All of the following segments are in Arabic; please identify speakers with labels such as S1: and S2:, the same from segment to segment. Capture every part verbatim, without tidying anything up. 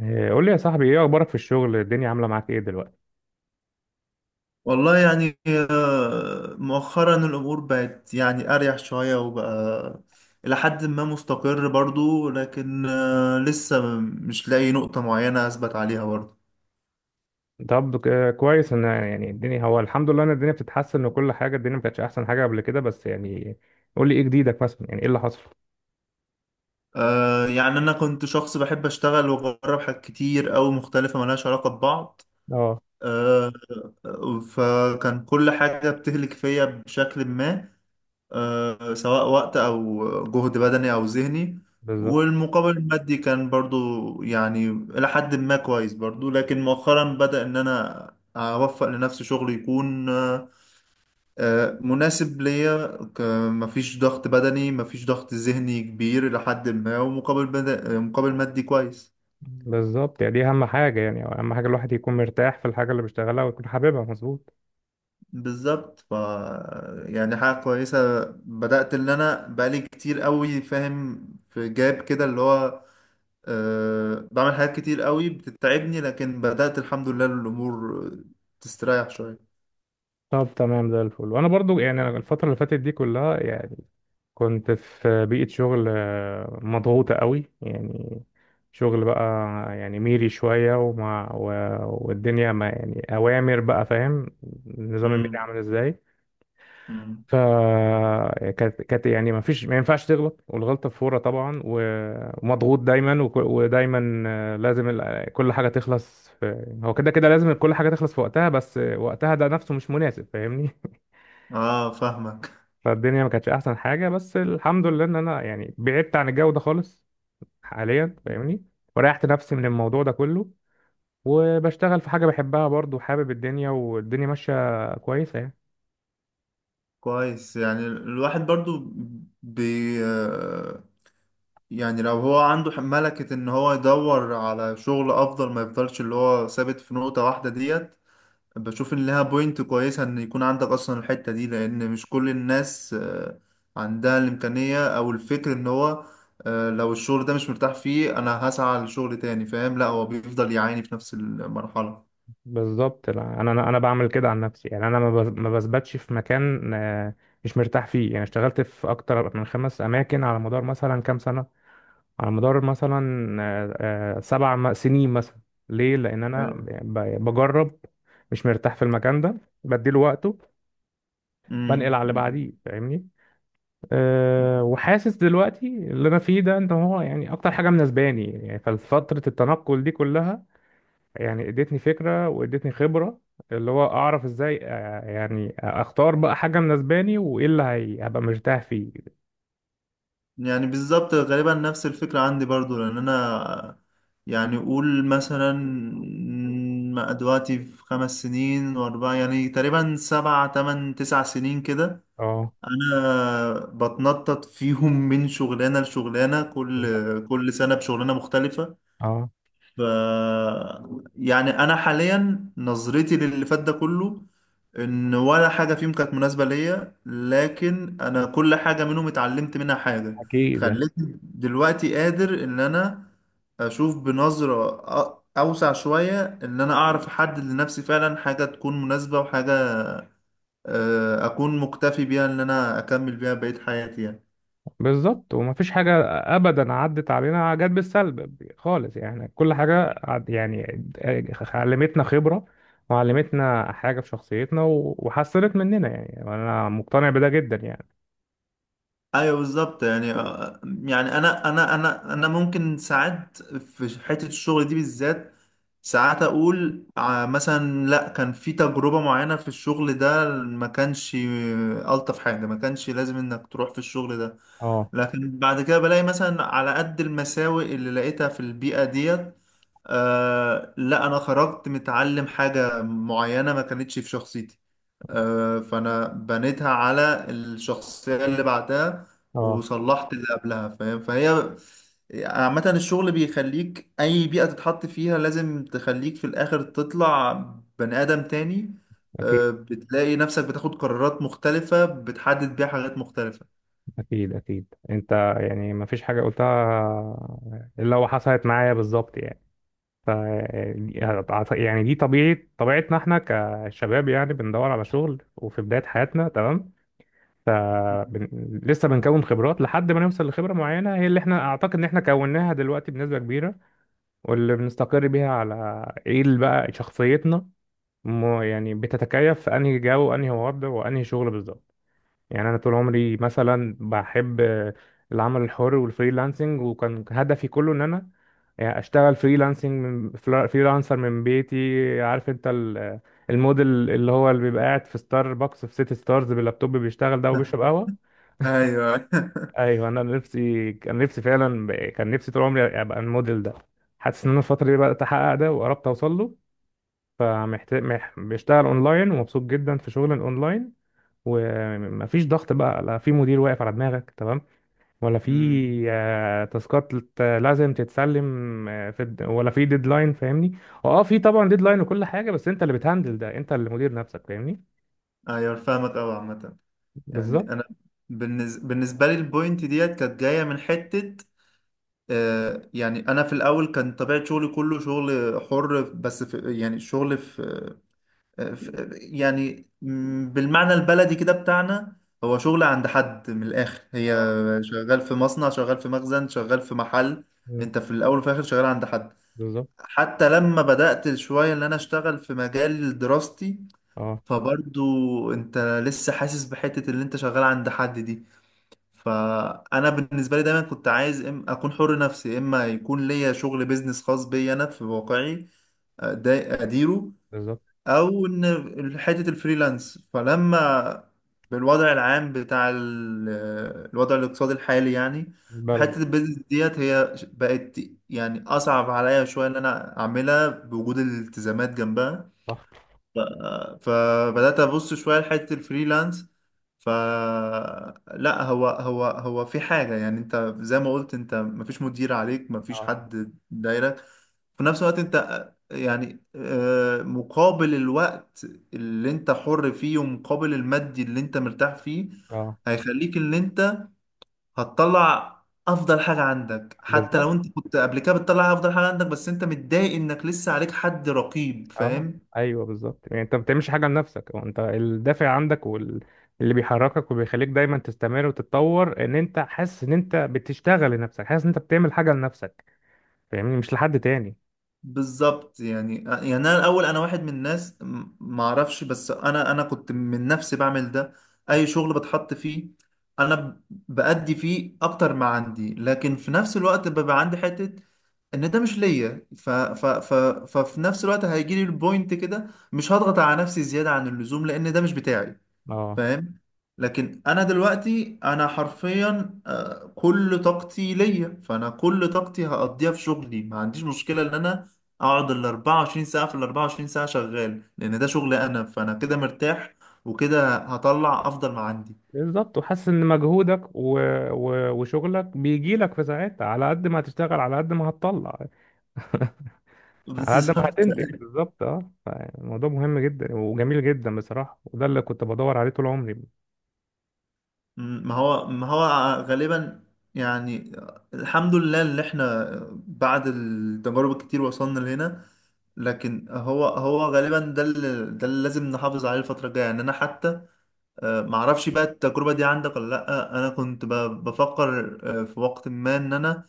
S1: إيه، قول لي يا صاحبي، ايه اخبارك في الشغل؟ الدنيا عامله معاك ايه دلوقتي؟
S2: والله يعني آه، مؤخرا الأمور بقت يعني أريح شوية وبقى إلى حد ما مستقر برضو، لكن آه، لسه مش لاقي نقطة معينة أثبت عليها برضو.
S1: طب ك- كويس ان يعني الدنيا، هو الحمد لله ان الدنيا بتتحسن، وكل حاجه الدنيا ما كانتش احسن حاجه قبل كده بس، يعني. قول لي ايه جديدك مثلا، يعني ايه اللي حصل؟
S2: آه، يعني أنا كنت شخص بحب أشتغل وأجرب حاجات كتير أوي مختلفة ملهاش علاقة ببعض.
S1: اه.
S2: آه، فكان كل حاجة بتهلك فيا بشكل ما، آه، سواء وقت أو جهد بدني أو ذهني.
S1: بالظبط.
S2: والمقابل المادي كان برضو يعني إلى حد ما كويس برضو، لكن مؤخرا بدأ إن أنا أوفق لنفسي شغل يكون آه، آه، مناسب ليا. ك- مفيش ضغط بدني، مفيش ضغط ذهني كبير إلى حد ما، ومقابل بد- آه، مقابل مادي كويس.
S1: بالظبط، يعني دي اهم حاجه. يعني اهم حاجه الواحد يكون مرتاح في الحاجه اللي بيشتغلها، ويكون حاببها مظبوط.
S2: بالظبط. ف يعني حاجة كويسة بدأت إن أنا بقالي كتير قوي فاهم في جاب كده اللي هو أه بعمل حاجات كتير قوي بتتعبني، لكن بدأت الحمد لله الأمور تستريح شوية.
S1: طب تمام، زي الفل. وانا برضو، يعني أنا الفتره اللي فاتت دي كلها، يعني كنت في بيئة شغل آه، مضغوطة قوي، يعني. شغل بقى يعني ميري شوية، ومع و... والدنيا ما يعني أوامر بقى. فاهم نظام الميري
S2: امم.
S1: عامل ازاي؟
S2: امم.
S1: ف كانت كانت يعني ما فيش، ما ينفعش تغلط، والغلطة فورة طبعا، و- ومضغوط دايما، وك... ودايما آه، لازم ال- كل حاجة تخلص في... هو كده كده لازم كل حاجة تخلص في وقتها، بس وقتها ده نفسه مش مناسب، فاهمني.
S2: اه، فاهمك.
S1: فالدنيا ما كانتش أحسن حاجة، بس الحمد لله إن أنا يعني بعدت عن الجو ده خالص حاليا، فاهمني. وريحت نفسي من الموضوع ده كله، وبشتغل في حاجة بحبها، برضو حابب الدنيا، والدنيا ماشية كويسة، يعني.
S2: كويس. يعني الواحد برضو بي آه، يعني لو هو عنده ملكة ان هو يدور على شغل افضل ما يفضلش اللي هو ثابت في نقطة واحدة ديت. بشوف ان لها بوينت كويسة ان يكون عندك اصلا الحتة دي، لان مش كل الناس آه، عندها الامكانية او الفكر ان هو آه، لو الشغل ده مش مرتاح فيه انا هسعى لشغل تاني، فاهم؟ لا، هو بيفضل يعاني في نفس المرحلة.
S1: بالظبط. لا، انا انا انا بعمل كده عن نفسي، يعني انا ما بز- ما بثبتش في مكان آه، مش مرتاح فيه، يعني اشتغلت في اكتر من خمس اماكن على مدار مثلا كام سنة. على مدار مثلا آه، آه، سبع م- سنين مثلا. ليه؟ لان انا
S2: فاهم؟
S1: ب- بجرب. مش مرتاح في المكان ده، بديله وقته،
S2: مم.
S1: بنقل على اللي
S2: مم.
S1: بعديه، فاهمني. أه، وحاسس دلوقتي اللي انا فيه ده ان هو يعني اكتر حاجه مناسباني، يعني ففتره التنقل دي كلها يعني ادتني فكره وادتني خبره، اللي هو اعرف ازاي آه، يعني اختار بقى حاجه مناسباني، وايه اللي هي- هبقى مرتاح فيه.
S2: يعني بالظبط غالبا نفس الفكرة عندي برضو، لان انا آه، يعني قول مثلا م- دلوقتي في خمس سنين واربعة، يعني تقريبا سبعة تمن تسع سنين كده.
S1: اه،
S2: انا بتنطط فيهم من شغلانه لشغلانه،
S1: بالظبط.
S2: كل كل سنه بشغلانه مختلفه.
S1: اه،
S2: ف يعني انا حاليا نظرتي للي فات ده كله ان ولا حاجه فيهم كانت مناسبه ليا، لكن انا كل حاجه منهم اتعلمت منها حاجه
S1: اكيد.
S2: خلتني دلوقتي قادر ان انا اشوف بنظره أ- اوسع شويه ان انا اعرف احدد لنفسي فعلا حاجه تكون مناسبه وحاجه آه، اكون مكتفي بيها ان انا اكمل بيها بقية حياتي يعني.
S1: بالظبط، ومفيش حاجة أبدا عدت علينا جت بالسلب خالص، يعني كل حاجة عد- يعني علمتنا خبرة، وعلمتنا حاجة في شخصيتنا، و- وحسنت مننا، يعني. وأنا مقتنع بده جدا، يعني.
S2: ايوه بالظبط. يعني آه، يعني انا انا انا انا ممكن ساعات في حتة الشغل دي بالذات ساعات اقول آه، مثلا لا، كان في تجربة معينة في الشغل ده ما كانش آه، الطف حاجة، ما كانش لازم انك تروح في الشغل ده.
S1: اه
S2: لكن بعد كده بلاقي مثلا على قد المساوئ اللي لقيتها في البيئة ديت، آه لا انا خرجت متعلم حاجة معينة ما كانتش في شخصيتي، آه فانا بنيتها على الشخصية اللي بعدها
S1: اه
S2: وصلحت اللي قبلها، فاهم؟ فهي عامة، الشغل بيخليك اي بيئة تتحط فيها لازم تخليك في الاخر تطلع بني ادم تاني. آه،
S1: أكيد
S2: بتلاقي نفسك بتاخد قرارات مختلفة بتحدد بيها حاجات مختلفة.
S1: أكيد أكيد. أنت يعني مفيش حاجة قلتها إلا وحصلت معايا بالظبط، يعني. ف يعني دي طبيعة طبيعتنا، احنا كشباب، يعني بندور على شغل وفي بداية حياتنا، تمام. فبن... لسه بنكون خبرات لحد ما نوصل لخبرة معينة، هي اللي احنا اعتقد ان احنا كوناها دلوقتي بنسبة كبيرة، واللي بنستقر بيها على ايه اللي بقى شخصيتنا، م... يعني بتتكيف في انهي جو وانهي وضع وانهي شغل، بالظبط. يعني انا طول عمري مثلا بحب العمل الحر والفريلانسنج، وكان هدفي كله ان انا يعني اشتغل فريلانسنج من فلا- فريلانسر من بيتي. عارف انت ال- الموديل اللي هو اللي بيبقى قاعد في ستاربكس في سيتي ستارز باللابتوب بيشتغل ده وبيشرب قهوة.
S2: ايوه.
S1: ايوه، انا نفسي كان نفسي فعلا، ب- كان نفسي طول عمري ابقى الموديل ده. حاسس ان انا الفتره دي بدات احقق ده وقربت اوصل له. فمحتاج مح... بشتغل اونلاين، ومبسوط جدا في شغل الاونلاين. ومفيش ضغط بقى، لا في مدير واقف على دماغك، تمام، ولا في
S2: مم.
S1: آه، تاسكات لت- لازم تتسلم آه، في الد- ولا في ديدلاين، فاهمني. اه، في طبعا ديدلاين وكل حاجه، بس انت اللي بتهندل ده، انت اللي مدير نفسك، فاهمني.
S2: ايوه فاهمك اوي. عامة يعني
S1: بالظبط.
S2: انا بالنز- بالنسبه لي البوينت ديت كانت جايه من حته، آه، يعني انا في الاول كان طبيعه شغلي كله شغل حر، بس في يعني شغل في, آه، في يعني م- بالمعنى البلدي كده بتاعنا هو شغل عند حد. من الاخر هي
S1: اه.
S2: شغال في مصنع، شغال في مخزن، شغال في محل.
S1: مم.
S2: انت في الاول وفي الاخر شغال عند حد.
S1: بالظبط.
S2: حتى لما بدات شويه ان انا اشتغل في مجال دراستي
S1: اه.
S2: فبرضو انت لسه حاسس بحته اللي انت شغال عند حد دي. فانا بالنسبه لي دايما كنت عايز إم اكون حر نفسي، اما يكون ليا شغل بيزنس خاص بيا انا في واقعي آه، ده اديره،
S1: بالظبط.
S2: او ان حته الفريلانس. فلما بالوضع العام بتاع ال- الوضع الاقتصادي الحالي يعني، فحته
S1: بلد.
S2: البيزنس ديت هي بقت يعني اصعب عليا شويه ان انا اعملها بوجود الالتزامات جنبها.
S1: صح.
S2: فبدأت أبص شوية لحتة الفريلانس، فلا هو هو هو في حاجة، يعني أنت زي ما قلت، أنت مفيش مدير عليك، مفيش
S1: اه
S2: حد دايرك. في نفس الوقت أنت يعني آه، مقابل الوقت اللي أنت حر فيه ومقابل المادي اللي أنت مرتاح فيه
S1: اه.
S2: هيخليك إن أنت هتطلع أفضل حاجة عندك. حتى لو
S1: بالظبط.
S2: أنت كنت قبل كده بتطلع أفضل حاجة عندك، بس أنت متضايق إنك لسه عليك حد رقيب،
S1: اه.
S2: فاهم؟
S1: ايوه بالظبط، يعني انت ما بتعملش حاجه لنفسك، هو انت الدافع عندك، واللي بيحركك وبيخليك دايما تستمر وتتطور ان انت حاسس ان انت بتشتغل لنفسك، حاسس ان انت بتعمل حاجه لنفسك، فاهمني، مش لحد تاني.
S2: بالظبط. يعني يعني انا الاول انا واحد من الناس، م- ما اعرفش، بس انا انا كنت من نفسي بعمل ده. اي شغل بتحط فيه انا ب- بأدي فيه اكتر ما عندي، لكن في نفس الوقت ببقى عندي حتة ان ده مش ليا. ف ف ف ففي نفس الوقت هيجي لي البوينت كده مش هضغط على نفسي زيادة عن اللزوم لان ده مش بتاعي،
S1: اه،
S2: فاهم؟ لكن انا دلوقتي انا حرفيا آه، كل طاقتي ليا، فانا كل طاقتي هقضيها في شغلي. ما عنديش مشكلة ان انا اقعد ال اربعة وعشرين ساعة في ال اربعة وعشرين ساعة شغال لان ده شغلي انا، فانا كده مرتاح وكده هطلع افضل ما عندي.
S1: بالظبط، وحاسس ان مجهودك و... و... وشغلك بيجي لك في ساعتها، على قد ما هتشتغل على قد ما هتطلع. على قد ما
S2: بالظبط.
S1: هتنتج، بالظبط، اه. الموضوع مهم جدا وجميل جدا بصراحه، وده اللي كنت بدور عليه طول عمري.
S2: مم، ما هو ما هو غالبا يعني الحمد لله اللي احنا بعد التجارب الكتير وصلنا لهنا. لكن هو هو غالبا ده اللي ده اللي لازم نحافظ عليه الفترة الجاية. يعني انا حتى آه، معرفش بقى التجربة دي عندك ولا لأ. انا كنت ب- بفكر آه، في وقت ما ان انا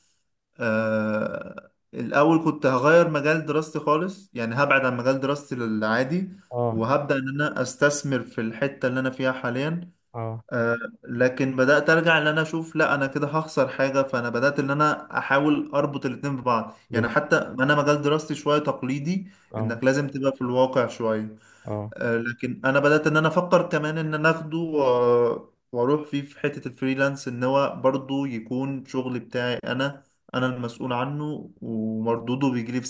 S2: آه، الاول كنت هغير مجال دراستي خالص، يعني هبعد عن مجال دراستي العادي
S1: اه
S2: وهبدأ ان انا استثمر في الحتة اللي انا فيها حاليا،
S1: اه،
S2: آه، لكن بدأت أرجع إن أنا أشوف لا، أنا كده هخسر حاجة. فأنا بدأت إن أنا أحاول أربط الاتنين ببعض، يعني
S1: بالظبط.
S2: حتى أنا مجال دراستي شوية تقليدي
S1: اه
S2: إنك لازم تبقى في الواقع شوية،
S1: اه،
S2: آه، لكن أنا بدأت إن أنا أفكر كمان إن أنا أخده و- وأروح فيه في حتة الفريلانس، إن هو برضه يكون شغل بتاعي أنا أنا المسؤول عنه ومردوده بيجيلي في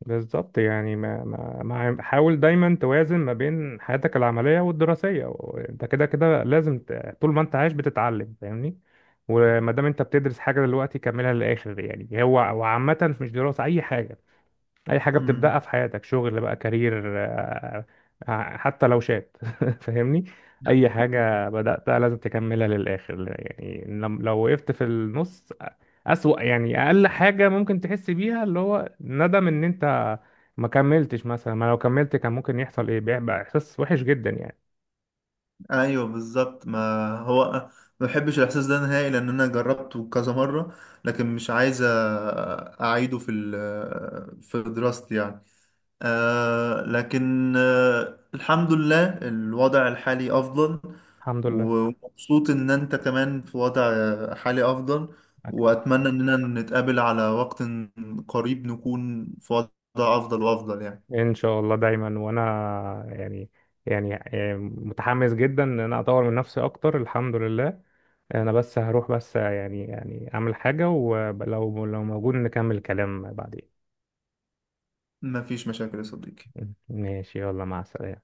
S1: بالظبط، يعني ما ما ما حاول دايما توازن ما بين حياتك العملية والدراسية، وانت كده كده لازم ت- طول ما انت عايش بتتعلم، فاهمني. وما دام انت بتدرس حاجة دلوقتي كملها للآخر، يعني هو وعامة مش دراسة أي حاجة. اي حاجه
S2: ساعتها.
S1: بتبداها في حياتك، شغل بقى، كارير، آه، آه، حتى لو شات فاهمني. اي حاجه بداتها لازم تكملها للاخر، يعني لم- لو وقفت في النص اسوأ، يعني اقل حاجه ممكن تحس بيها اللي هو ندم ان انت ما كملتش مثلا، ما لو كملت كان ممكن يحصل ايه، بيبقى احساس وحش جدا، يعني.
S2: ايوه بالظبط. ما هو ما بحبش الاحساس ده نهائي لان انا جربته كذا مره، لكن مش عايز أ- اعيده في ال- في دراستي يعني. آه لكن آه الحمد لله الوضع الحالي افضل.
S1: الحمد لله.
S2: ومبسوط ان انت كمان في وضع حالي افضل، واتمنى اننا نتقابل على وقت قريب نكون في وضع افضل وافضل يعني.
S1: ان شاء الله دايما. وانا يعني يعني يعني متحمس جدا ان انا اطور من نفسي اكتر، الحمد لله. انا بس هروح، بس يعني يعني اعمل حاجة، ولو لو موجود نكمل الكلام بعدين.
S2: مفيش مشاكل يا صديقي.
S1: ماشي، يلا، مع السلامة.